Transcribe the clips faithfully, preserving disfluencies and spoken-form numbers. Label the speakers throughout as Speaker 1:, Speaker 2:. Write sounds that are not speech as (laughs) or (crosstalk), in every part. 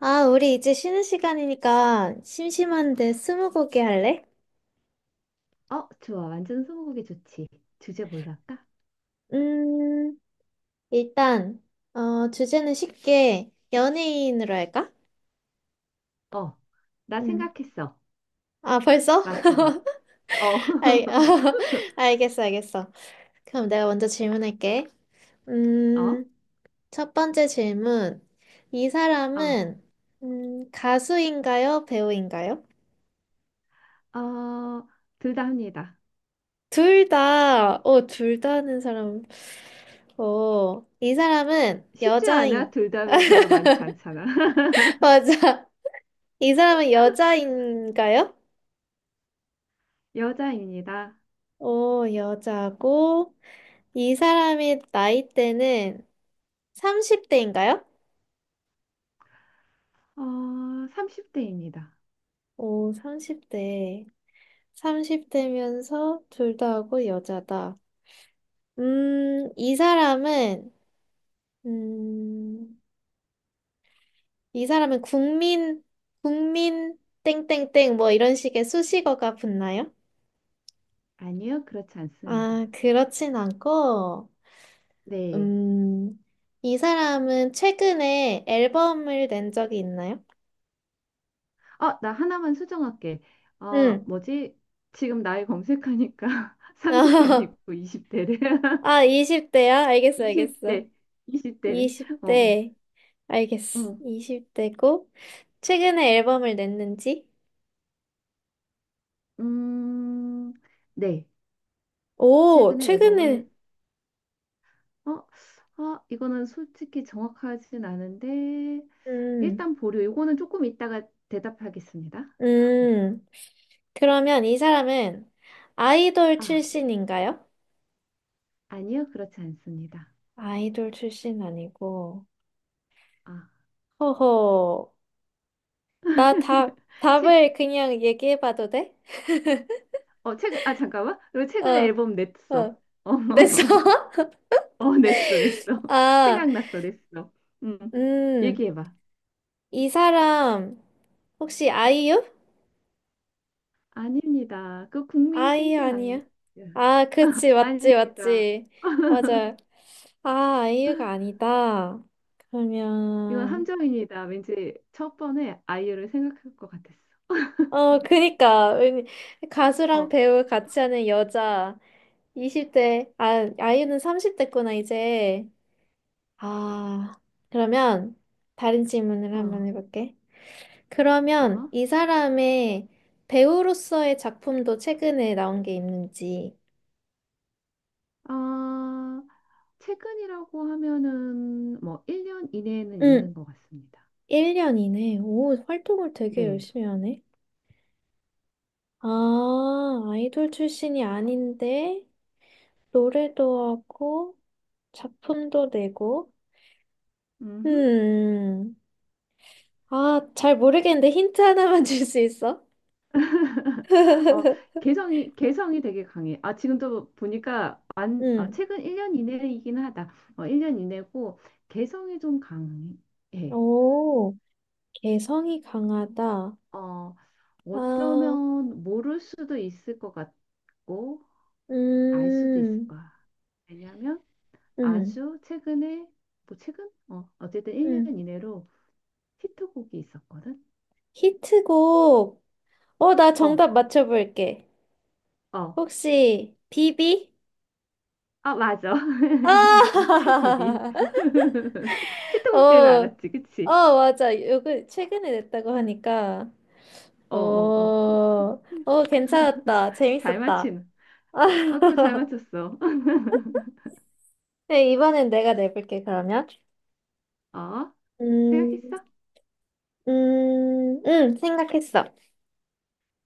Speaker 1: 아, 우리 이제 쉬는 시간이니까 심심한데 스무고개 할래?
Speaker 2: 어, 좋아. 완전 스무고개 좋지. 주제 뭘로 할까?
Speaker 1: 음, 일단, 어, 주제는 쉽게 연예인으로 할까?
Speaker 2: 어, 나
Speaker 1: 음.
Speaker 2: 생각했어.
Speaker 1: 아, 벌써?
Speaker 2: 맞춰봐. 어,
Speaker 1: (laughs) 알,
Speaker 2: (laughs)
Speaker 1: (laughs) 알겠어, 알겠어. 그럼 내가 먼저 질문할게.
Speaker 2: 어,
Speaker 1: 음, 첫 번째 질문. 이
Speaker 2: 어,
Speaker 1: 사람은, 음, 가수인가요, 배우인가요?
Speaker 2: 어, 둘 다 합니다.
Speaker 1: 둘 다, 어, 둘 다 하는 사람. 오, 이 사람은
Speaker 2: 쉽지 않아.
Speaker 1: 여자인,
Speaker 2: 둘 다면 별로 많지 않잖아.
Speaker 1: (laughs)
Speaker 2: (laughs)
Speaker 1: 맞아. 이 사람은 여자인가요?
Speaker 2: 여자입니다.
Speaker 1: 오, 여자고. 이 사람의 나이대는 삼십 대인가요?
Speaker 2: 어, 삼십 대입니다.
Speaker 1: 오, 삼십 대. 삼십 대면서 둘 다 하고 여자다. 음, 이 사람은, 음, 이 사람은 국민, 국민, 땡땡땡, 뭐 이런 식의 수식어가 붙나요?
Speaker 2: 아니요, 그렇지
Speaker 1: 아,
Speaker 2: 않습니다.
Speaker 1: 그렇진 않고,
Speaker 2: 네.
Speaker 1: 음, 이 사람은 최근에 앨범을 낸 적이 있나요?
Speaker 2: 어, 나 하나만 수정할게. 어,
Speaker 1: 응.
Speaker 2: 뭐지? 지금 나이 검색하니까 (laughs) 삼십 대 아니고
Speaker 1: (laughs)
Speaker 2: 이십 대래.
Speaker 1: 아, 이십 대야? 알겠어, 알겠어.
Speaker 2: 이십 대 이십 대래. (laughs) 어,
Speaker 1: 이십 대. 알겠어.
Speaker 2: 음,
Speaker 1: 이십 대고, 최근에 앨범을 냈는지?
Speaker 2: 음, 네.
Speaker 1: 오,
Speaker 2: 최근에
Speaker 1: 최근에.
Speaker 2: 앨범을, 어, 아, 이거는 솔직히 정확하진 않은데,
Speaker 1: 음,
Speaker 2: 일단 보류. 이거는 조금 이따가 대답하겠습니다.
Speaker 1: 음. 그러면 이 사람은 아이돌
Speaker 2: 아,
Speaker 1: 출신인가요?
Speaker 2: 아니요. 그렇지 않습니다.
Speaker 1: 아이돌 출신 아니고.
Speaker 2: 아,
Speaker 1: 허허. 나 다,
Speaker 2: (laughs) 최,
Speaker 1: 답을 그냥 얘기해봐도 돼?
Speaker 2: 어, 최근, 아, 잠깐만. 그리고
Speaker 1: 어.
Speaker 2: 최근에 앨범 냈어.
Speaker 1: 어.
Speaker 2: 어,
Speaker 1: 냈어?
Speaker 2: (laughs)
Speaker 1: (laughs)
Speaker 2: 어, 냈어, 냈어. (laughs)
Speaker 1: 아,
Speaker 2: 생각났어, 냈어. 음,
Speaker 1: 음,
Speaker 2: 얘기해봐.
Speaker 1: 이 사람, 혹시 아이유?
Speaker 2: 아닙니다. 그 국민
Speaker 1: 아이유
Speaker 2: 땡땡
Speaker 1: 아니야?
Speaker 2: 아니,
Speaker 1: 아, 그치, 맞지,
Speaker 2: 아닙니다.
Speaker 1: 맞지. 맞아. 아, 아이유가 아니다.
Speaker 2: 이건
Speaker 1: 그러면,
Speaker 2: 함정입니다. 왠지 첫 번에 아이유를 생각할 것 같았어.
Speaker 1: 어, 그니까. 왠- 가수랑
Speaker 2: 어,
Speaker 1: 배우 같이 하는 여자. 이십 대, 아, 아이유는 삼십 대구나, 이제. 아, 그러면, 다른 질문을
Speaker 2: 어,
Speaker 1: 한번 해볼게. 그러면
Speaker 2: 어.
Speaker 1: 이 사람의 배우로서의 작품도 최근에 나온 게 있는지.
Speaker 2: 아, 최근이라고 하면은 뭐 일 년 이내에는
Speaker 1: 응,
Speaker 2: 있는 것 같습니다.
Speaker 1: 일 년이네. 오, 활동을 되게
Speaker 2: 네.
Speaker 1: 열심히 하네. 아, 아이돌 출신이 아닌데, 노래도 하고, 작품도 내고.
Speaker 2: 음흠.
Speaker 1: 음, 아, 잘 모르겠는데 힌트 하나만 (laughs) 줄 수 있어?
Speaker 2: (laughs) 어,
Speaker 1: (laughs)
Speaker 2: 개성이, 개성이 되게 강해. 아, 지금도 보니까 안, 아,
Speaker 1: 응.
Speaker 2: 최근 일 년 이내이긴 하다. 어, 일 년 이내고 개성이 좀 강해.
Speaker 1: 오, 개성이 강하다.
Speaker 2: 어,
Speaker 1: 아,
Speaker 2: 어쩌면 모를 수도 있을 것 같고, 알 수도 있을
Speaker 1: 음,
Speaker 2: 거야. 왜냐하면
Speaker 1: 음,
Speaker 2: 아주 최근에 뭐 최근? 어, 어쨌든 일 년
Speaker 1: 음.
Speaker 2: 이내로 히트곡이 있었거든.
Speaker 1: 히트곡. 어, 나
Speaker 2: 어,
Speaker 1: 정답 맞춰볼게.
Speaker 2: 어.
Speaker 1: 혹시, 비비?
Speaker 2: 아, 맞아. (laughs) 비비.
Speaker 1: 아! (laughs)
Speaker 2: (laughs) 히트곡 때문에
Speaker 1: 어,
Speaker 2: 알았지, 그치?
Speaker 1: 어, 맞아. 요거 최근에 냈다고 하니까. 어,
Speaker 2: 어, 어, 어.
Speaker 1: 어, 괜찮았다.
Speaker 2: 잘
Speaker 1: 재밌었다.
Speaker 2: 맞히는. 아, 그럼 잘
Speaker 1: (laughs)
Speaker 2: 맞췄어. (laughs)
Speaker 1: 네, 이번엔 내가 내볼게, 그러면.
Speaker 2: 어,
Speaker 1: 음,
Speaker 2: 생각했어?
Speaker 1: 음, 음, 생각했어.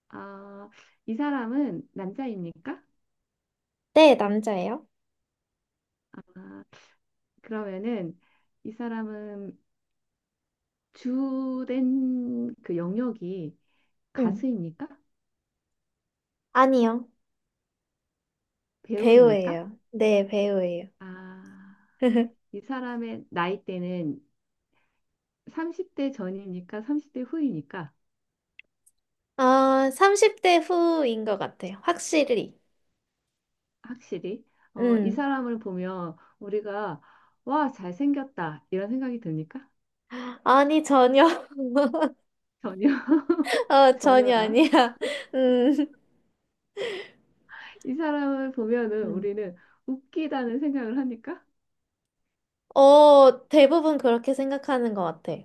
Speaker 2: 아, 이 사람은 남자입니까?
Speaker 1: 네, 남자예요.
Speaker 2: 아, 그러면은 이 사람은 주된 그 영역이
Speaker 1: 음,
Speaker 2: 가수입니까?
Speaker 1: 아니요.
Speaker 2: 배우입니까?
Speaker 1: 배우예요. 네, 배우예요.
Speaker 2: 아,
Speaker 1: (laughs)
Speaker 2: 이 사람의 나이대는 삼십 대 전입니까? 삼십 대 후입니까?
Speaker 1: 아, 삼십 대 후인 것 같아요. 확실히.
Speaker 2: 확실히. 어, 이
Speaker 1: 음.
Speaker 2: 사람을 보면 우리가 와, 잘생겼다, 이런 생각이 듭니까?
Speaker 1: 아니, 전혀. (laughs)
Speaker 2: 전혀. (laughs)
Speaker 1: 어, 전혀
Speaker 2: 전혀라.
Speaker 1: 아니야. (laughs) 음.
Speaker 2: 이 사람을 보면은
Speaker 1: 음.
Speaker 2: 우리는 웃기다는 생각을 하니까?
Speaker 1: 어, 대부분 그렇게 생각하는 것 같아.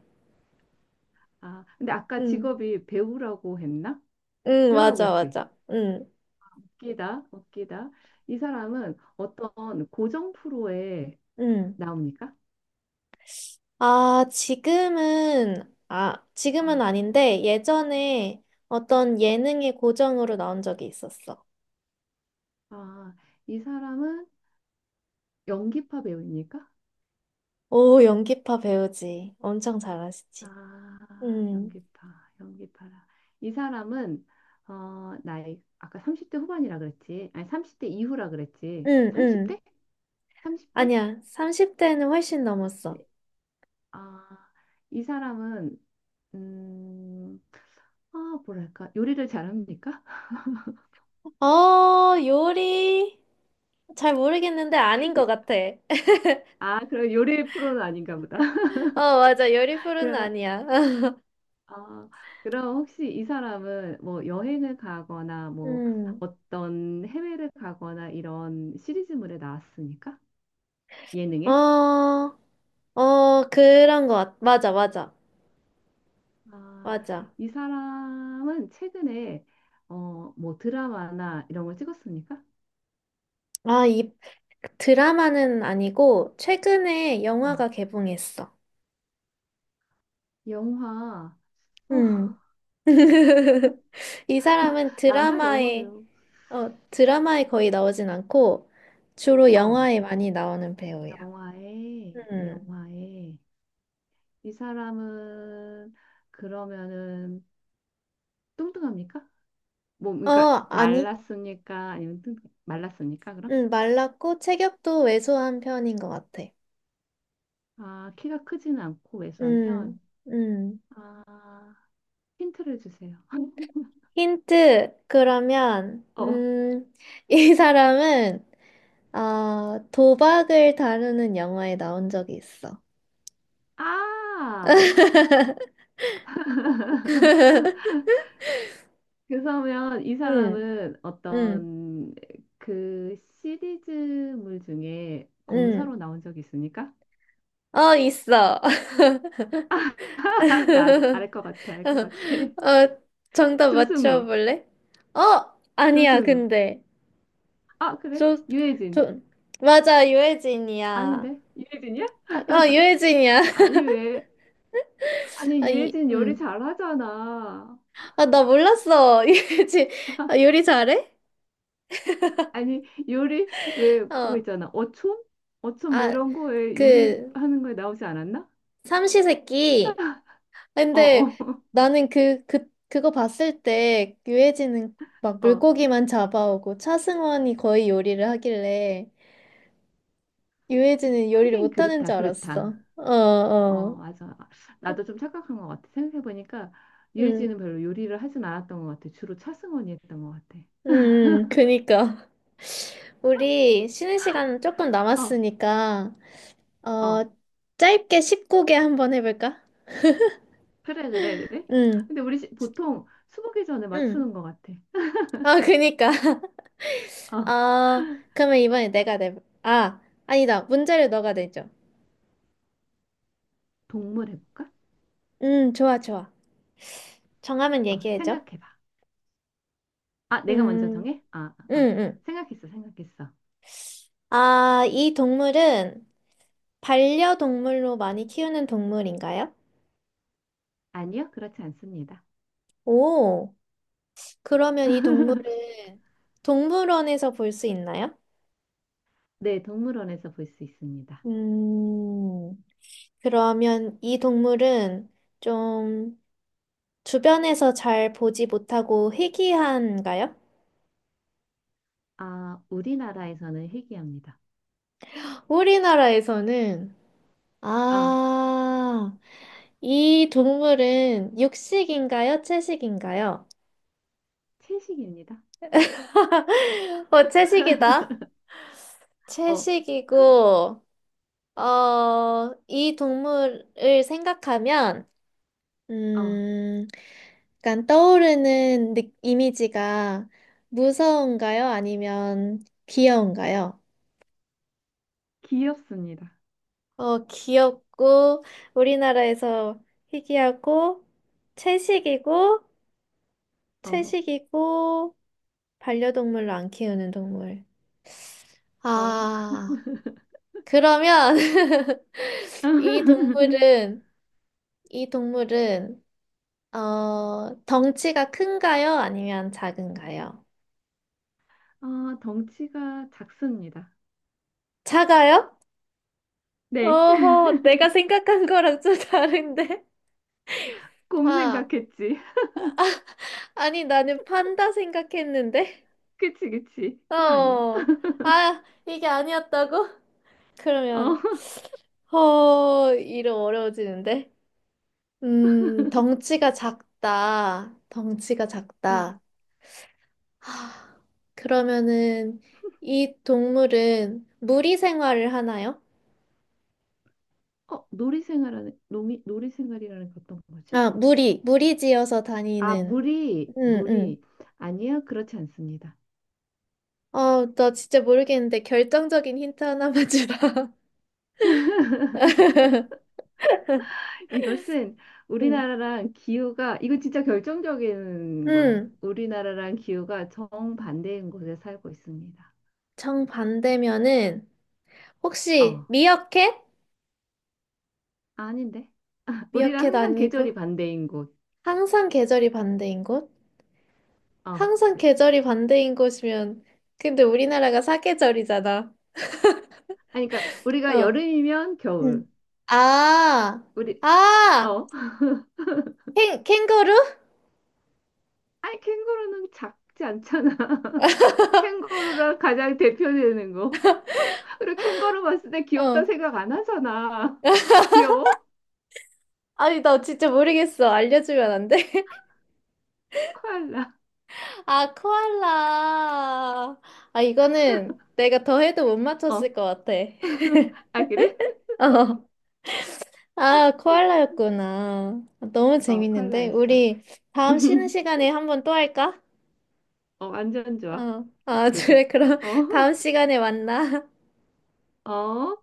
Speaker 2: 아, 근데 아까
Speaker 1: 음.
Speaker 2: 직업이 배우라고 했나?
Speaker 1: 음,
Speaker 2: 배우라고
Speaker 1: 맞아,
Speaker 2: 했지.
Speaker 1: 맞아. 음.
Speaker 2: 웃기다, 웃기다. 이 사람은 어떤 고정 프로에
Speaker 1: 음.
Speaker 2: 나옵니까?
Speaker 1: 아, 지금은, 아, 지금은 아닌데, 예전에 어떤 예능의 고정으로 나온 적이 있었어.
Speaker 2: 아, 이 사람은 연기파 배우입니까?
Speaker 1: 오, 연기파 배우지. 엄청 잘하시지.
Speaker 2: 아,
Speaker 1: 음.
Speaker 2: 연기파, 연기파라. 이 사람은 어, 나이 아까 삼십 대 후반이라 그랬지. 아니, 삼십 대 이후라 그랬지.
Speaker 1: 음, 음.
Speaker 2: 삼십 대? 삼십 대?
Speaker 1: 아니야, 삼십 대는 훨씬 넘었어.
Speaker 2: 네. 아, 이 사람은 음, 아, 뭐랄까? 요리를 잘합니까?
Speaker 1: 어, 요리? 잘 모르겠는데 아닌
Speaker 2: (laughs) 요-
Speaker 1: 것 같아. (laughs)
Speaker 2: 아, 그럼 요리 프로는 아닌가 보다.
Speaker 1: 어, 맞아. 요리
Speaker 2: (laughs)
Speaker 1: 프로는
Speaker 2: 그럼
Speaker 1: 아니야. (laughs)
Speaker 2: 아, 그럼 혹시 이 사람은 뭐 여행을 가거나 뭐
Speaker 1: 음,
Speaker 2: 어떤 해외를 가거나 이런 시리즈물에 나왔습니까? 예능에?
Speaker 1: 어, 어, 그런 것 같, 맞아, 맞아,
Speaker 2: 아,
Speaker 1: 맞아.
Speaker 2: 이 사람은 최근에 어, 뭐 드라마나 이런 걸 찍었습니까?
Speaker 1: 아, 이 드라마는 아니고, 최근에
Speaker 2: 어,
Speaker 1: 영화가 개봉했어.
Speaker 2: 영화, 어,
Speaker 1: 음. (laughs) 이
Speaker 2: (laughs) 나,
Speaker 1: 사람은
Speaker 2: 남자 영화
Speaker 1: 드라마에,
Speaker 2: 배우,
Speaker 1: 어, 드라마에 거의 나오진 않고, 주로
Speaker 2: 어,
Speaker 1: 영화에 많이 나오는 배우야.
Speaker 2: 영화에,
Speaker 1: 음.
Speaker 2: 영화에, 이 사람은 그러면은 뚱뚱합니까? 뭐
Speaker 1: 어,
Speaker 2: 그러니까 말
Speaker 1: 아니.
Speaker 2: 랐습니까 아니면 뜬- 말랐습니까 그럼?
Speaker 1: 음, 말랐고 체격도 왜소한 편인 것 같아.
Speaker 2: 아 키가 크지는 않고 왜소한
Speaker 1: 음,
Speaker 2: 편.
Speaker 1: 음.
Speaker 2: 아 힌트를 주세요. (laughs)
Speaker 1: 힌트, 그러면,
Speaker 2: 어.
Speaker 1: 음, (laughs) 이 사람은, 어, 도박을 다루는 영화에 나온 적이 있어.
Speaker 2: 아
Speaker 1: (laughs)
Speaker 2: 그러면 이
Speaker 1: 음,
Speaker 2: 사람은
Speaker 1: 음,
Speaker 2: 어떤 그 시리즈물 중에
Speaker 1: 음.
Speaker 2: 검사로 나온 적이 있습니까?
Speaker 1: 어, 있어. (laughs)
Speaker 2: (laughs) 나
Speaker 1: 어,
Speaker 2: 알 것 같아, 알 것 같아. (laughs)
Speaker 1: 정답
Speaker 2: 조승우.
Speaker 1: 맞춰볼래? 어, 아니야,
Speaker 2: 조승우.
Speaker 1: 근데.
Speaker 2: 아 그래,
Speaker 1: 조,
Speaker 2: 유해진.
Speaker 1: 조, 맞아, 유해진이야.
Speaker 2: 아닌데, 유해진이야?
Speaker 1: 아, 아, 유해진이야. (laughs)
Speaker 2: 아니, 왜?
Speaker 1: 아,
Speaker 2: 아니,
Speaker 1: 이,
Speaker 2: 유해진 요리
Speaker 1: 음.
Speaker 2: 잘하잖아.
Speaker 1: 아, 나 몰랐어. (laughs) 유해진. 아, 요리 잘해?
Speaker 2: 아니, 요리. 왜, 그거
Speaker 1: 어.
Speaker 2: 있잖아, 어촌. 어촌 뭐
Speaker 1: 아,
Speaker 2: 이런 거에
Speaker 1: 그,
Speaker 2: 요리하는 거에 나오지 않았나?
Speaker 1: 삼시세끼.
Speaker 2: 어어
Speaker 1: 근데
Speaker 2: 어, (laughs)
Speaker 1: 나는 그, 그, 그거 봤을 때 유해진은 막
Speaker 2: 어. 어.
Speaker 1: 물고기만 잡아오고 차승원이 거의 요리를 하길래 유해진은 요리를
Speaker 2: 하긴
Speaker 1: 못하는
Speaker 2: 그렇다,
Speaker 1: 줄
Speaker 2: 그렇다.
Speaker 1: 알았어. 어,
Speaker 2: 어,
Speaker 1: 어.
Speaker 2: 맞아. 나도 좀 착각한 것 같아, 생각해 보니까
Speaker 1: 음.
Speaker 2: 유해진은 별로 요리를 하진 않았던 것 같아. 주로 차승원이 했던 것 같아.
Speaker 1: 음, 그니까. (laughs) 우리 쉬는 시간 조금
Speaker 2: 어,
Speaker 1: 남았으니까, 어,
Speaker 2: 어.
Speaker 1: 짧게 열아홉 개 한번 해볼까?
Speaker 2: 그래, 그래, 그래.
Speaker 1: 응,
Speaker 2: 근데 우리 시- 보통 수보개 전에
Speaker 1: 응.
Speaker 2: 맞추는 것 같아.
Speaker 1: 아, 그니까. (laughs)
Speaker 2: (laughs) 어,
Speaker 1: 아, 그러면 이번에 내가 내, 아, 아니다. 문제를 너가 내줘.
Speaker 2: 동물 해볼까?
Speaker 1: 음, 좋아, 좋아. 정하면
Speaker 2: 어
Speaker 1: 얘기해줘.
Speaker 2: 생각해봐. 아 내가 먼저
Speaker 1: 음,
Speaker 2: 정해? 아
Speaker 1: 응,
Speaker 2: 어, 어.
Speaker 1: 응.
Speaker 2: 생각했어, 생각했어.
Speaker 1: 아, 이 동물은 반려동물로 많이 키우는 동물인가요?
Speaker 2: 아니요, 그렇지 않습니다.
Speaker 1: 오, 그러면 이
Speaker 2: (laughs)
Speaker 1: 동물은 동물원에서 볼 수 있나요?
Speaker 2: 네, 동물원에서 볼 수 있습니다.
Speaker 1: 음, 그러면 이 동물은 좀 주변에서 잘 보지 못하고 희귀한가요?
Speaker 2: 아, 우리나라에서는 희귀합니다.
Speaker 1: 우리나라에서는,
Speaker 2: 아,
Speaker 1: 아, 이 동물은 육식인가요, 채식인가요?
Speaker 2: 채식입니다.
Speaker 1: (laughs) 어, 채식이다.
Speaker 2: (laughs) 어,
Speaker 1: 채식이고, 어, 이 동물을 생각하면
Speaker 2: 어,
Speaker 1: 음, 약간 떠오르는 느- 이미지가 무서운가요, 아니면 귀여운가요?
Speaker 2: 귀엽습니다.
Speaker 1: 어, 귀엽고, 우리나라에서 희귀하고, 채식이고,
Speaker 2: 어,
Speaker 1: 채식이고, 반려동물로 안 키우는 동물.
Speaker 2: 어.
Speaker 1: 아, 그러면 (laughs) 이
Speaker 2: (laughs)
Speaker 1: 동물은, 이 동물은, 어, 덩치가 큰가요, 아니면 작은가요?
Speaker 2: 아, 덩치가 작습니다.
Speaker 1: 작아요?
Speaker 2: 네, (laughs)
Speaker 1: 어허, 내가 생각한 거랑 좀 (laughs) 다른데?
Speaker 2: 곰
Speaker 1: 아,
Speaker 2: 생각했지. (laughs)
Speaker 1: 아니, 나는 판다 생각했는데?
Speaker 2: 그치, 그치. 그거 아니야.
Speaker 1: 어, 아, 이게 아니었다고?
Speaker 2: (laughs)
Speaker 1: 그러면,
Speaker 2: 어,
Speaker 1: 어, 이름 어려워지는데? 음, 덩치가 작다. 덩치가
Speaker 2: 어,
Speaker 1: 작다. 하, 그러면은, 이 동물은 무리 생활을 하나요?
Speaker 2: 어, 놀이 생활하는, 놀이, 놀이 생활이라는 게 어떤 거지?
Speaker 1: 아, 무리, 무리지어서
Speaker 2: 아,
Speaker 1: 다니는.
Speaker 2: 물이,
Speaker 1: 응, 응.
Speaker 2: 물이. 아니요, 그렇지 않습니다.
Speaker 1: 아, 나 진짜 모르겠는데 결정적인 힌트 하나만 주라. (laughs)
Speaker 2: 이것은
Speaker 1: 음.
Speaker 2: 우리나라랑 기후가, 이건 진짜 결정적인 거야,
Speaker 1: 음.
Speaker 2: 우리나라랑 기후가 정반대인 곳에 살고 있습니다.
Speaker 1: 정반대면은 혹시
Speaker 2: 어,
Speaker 1: 미어캣?
Speaker 2: 아닌데? (laughs) 우리랑
Speaker 1: 미어캣
Speaker 2: 항상
Speaker 1: 아니고
Speaker 2: 계절이 반대인 곳.
Speaker 1: 항상 계절이 반대인 곳?
Speaker 2: 어.
Speaker 1: 항상 계절이 반대인 곳이면 근데 우리나라가 사계절이잖아.
Speaker 2: 아니, 그러니까 우리가
Speaker 1: 어.
Speaker 2: 여름이면 겨울.
Speaker 1: 음. 아.
Speaker 2: 우리,
Speaker 1: 아!
Speaker 2: 어. (laughs)
Speaker 1: 캥 캥거루?
Speaker 2: 아니, 캥거루는 작지 않잖아. (laughs) 캥거루랑 가장 대표되는 거. 그리고 캥거루 봤을 때 귀엽다
Speaker 1: 어.
Speaker 2: 생각 안 하잖아. (laughs) 귀여워?
Speaker 1: 아니, 나 진짜 모르겠어. 알려주면 안 돼?
Speaker 2: 코알라.
Speaker 1: (laughs) 아, 코알라. 아, 이거는 내가 더 해도 못
Speaker 2: 어.
Speaker 1: 맞췄을 것 같아.
Speaker 2: 아, 그래?
Speaker 1: (laughs) 어, 아,
Speaker 2: (laughs)
Speaker 1: 코알라였구나. 아, 너무
Speaker 2: 어,
Speaker 1: 재밌는데?
Speaker 2: 코알라였어.
Speaker 1: 우리 다음 쉬는 시간에 한번 또 할까?
Speaker 2: 어, 완전 좋아.
Speaker 1: 어,
Speaker 2: (laughs)
Speaker 1: 아, (laughs)
Speaker 2: 그러자.
Speaker 1: 그래, 그럼
Speaker 2: 어,
Speaker 1: 다음 시간에 만나.
Speaker 2: 어.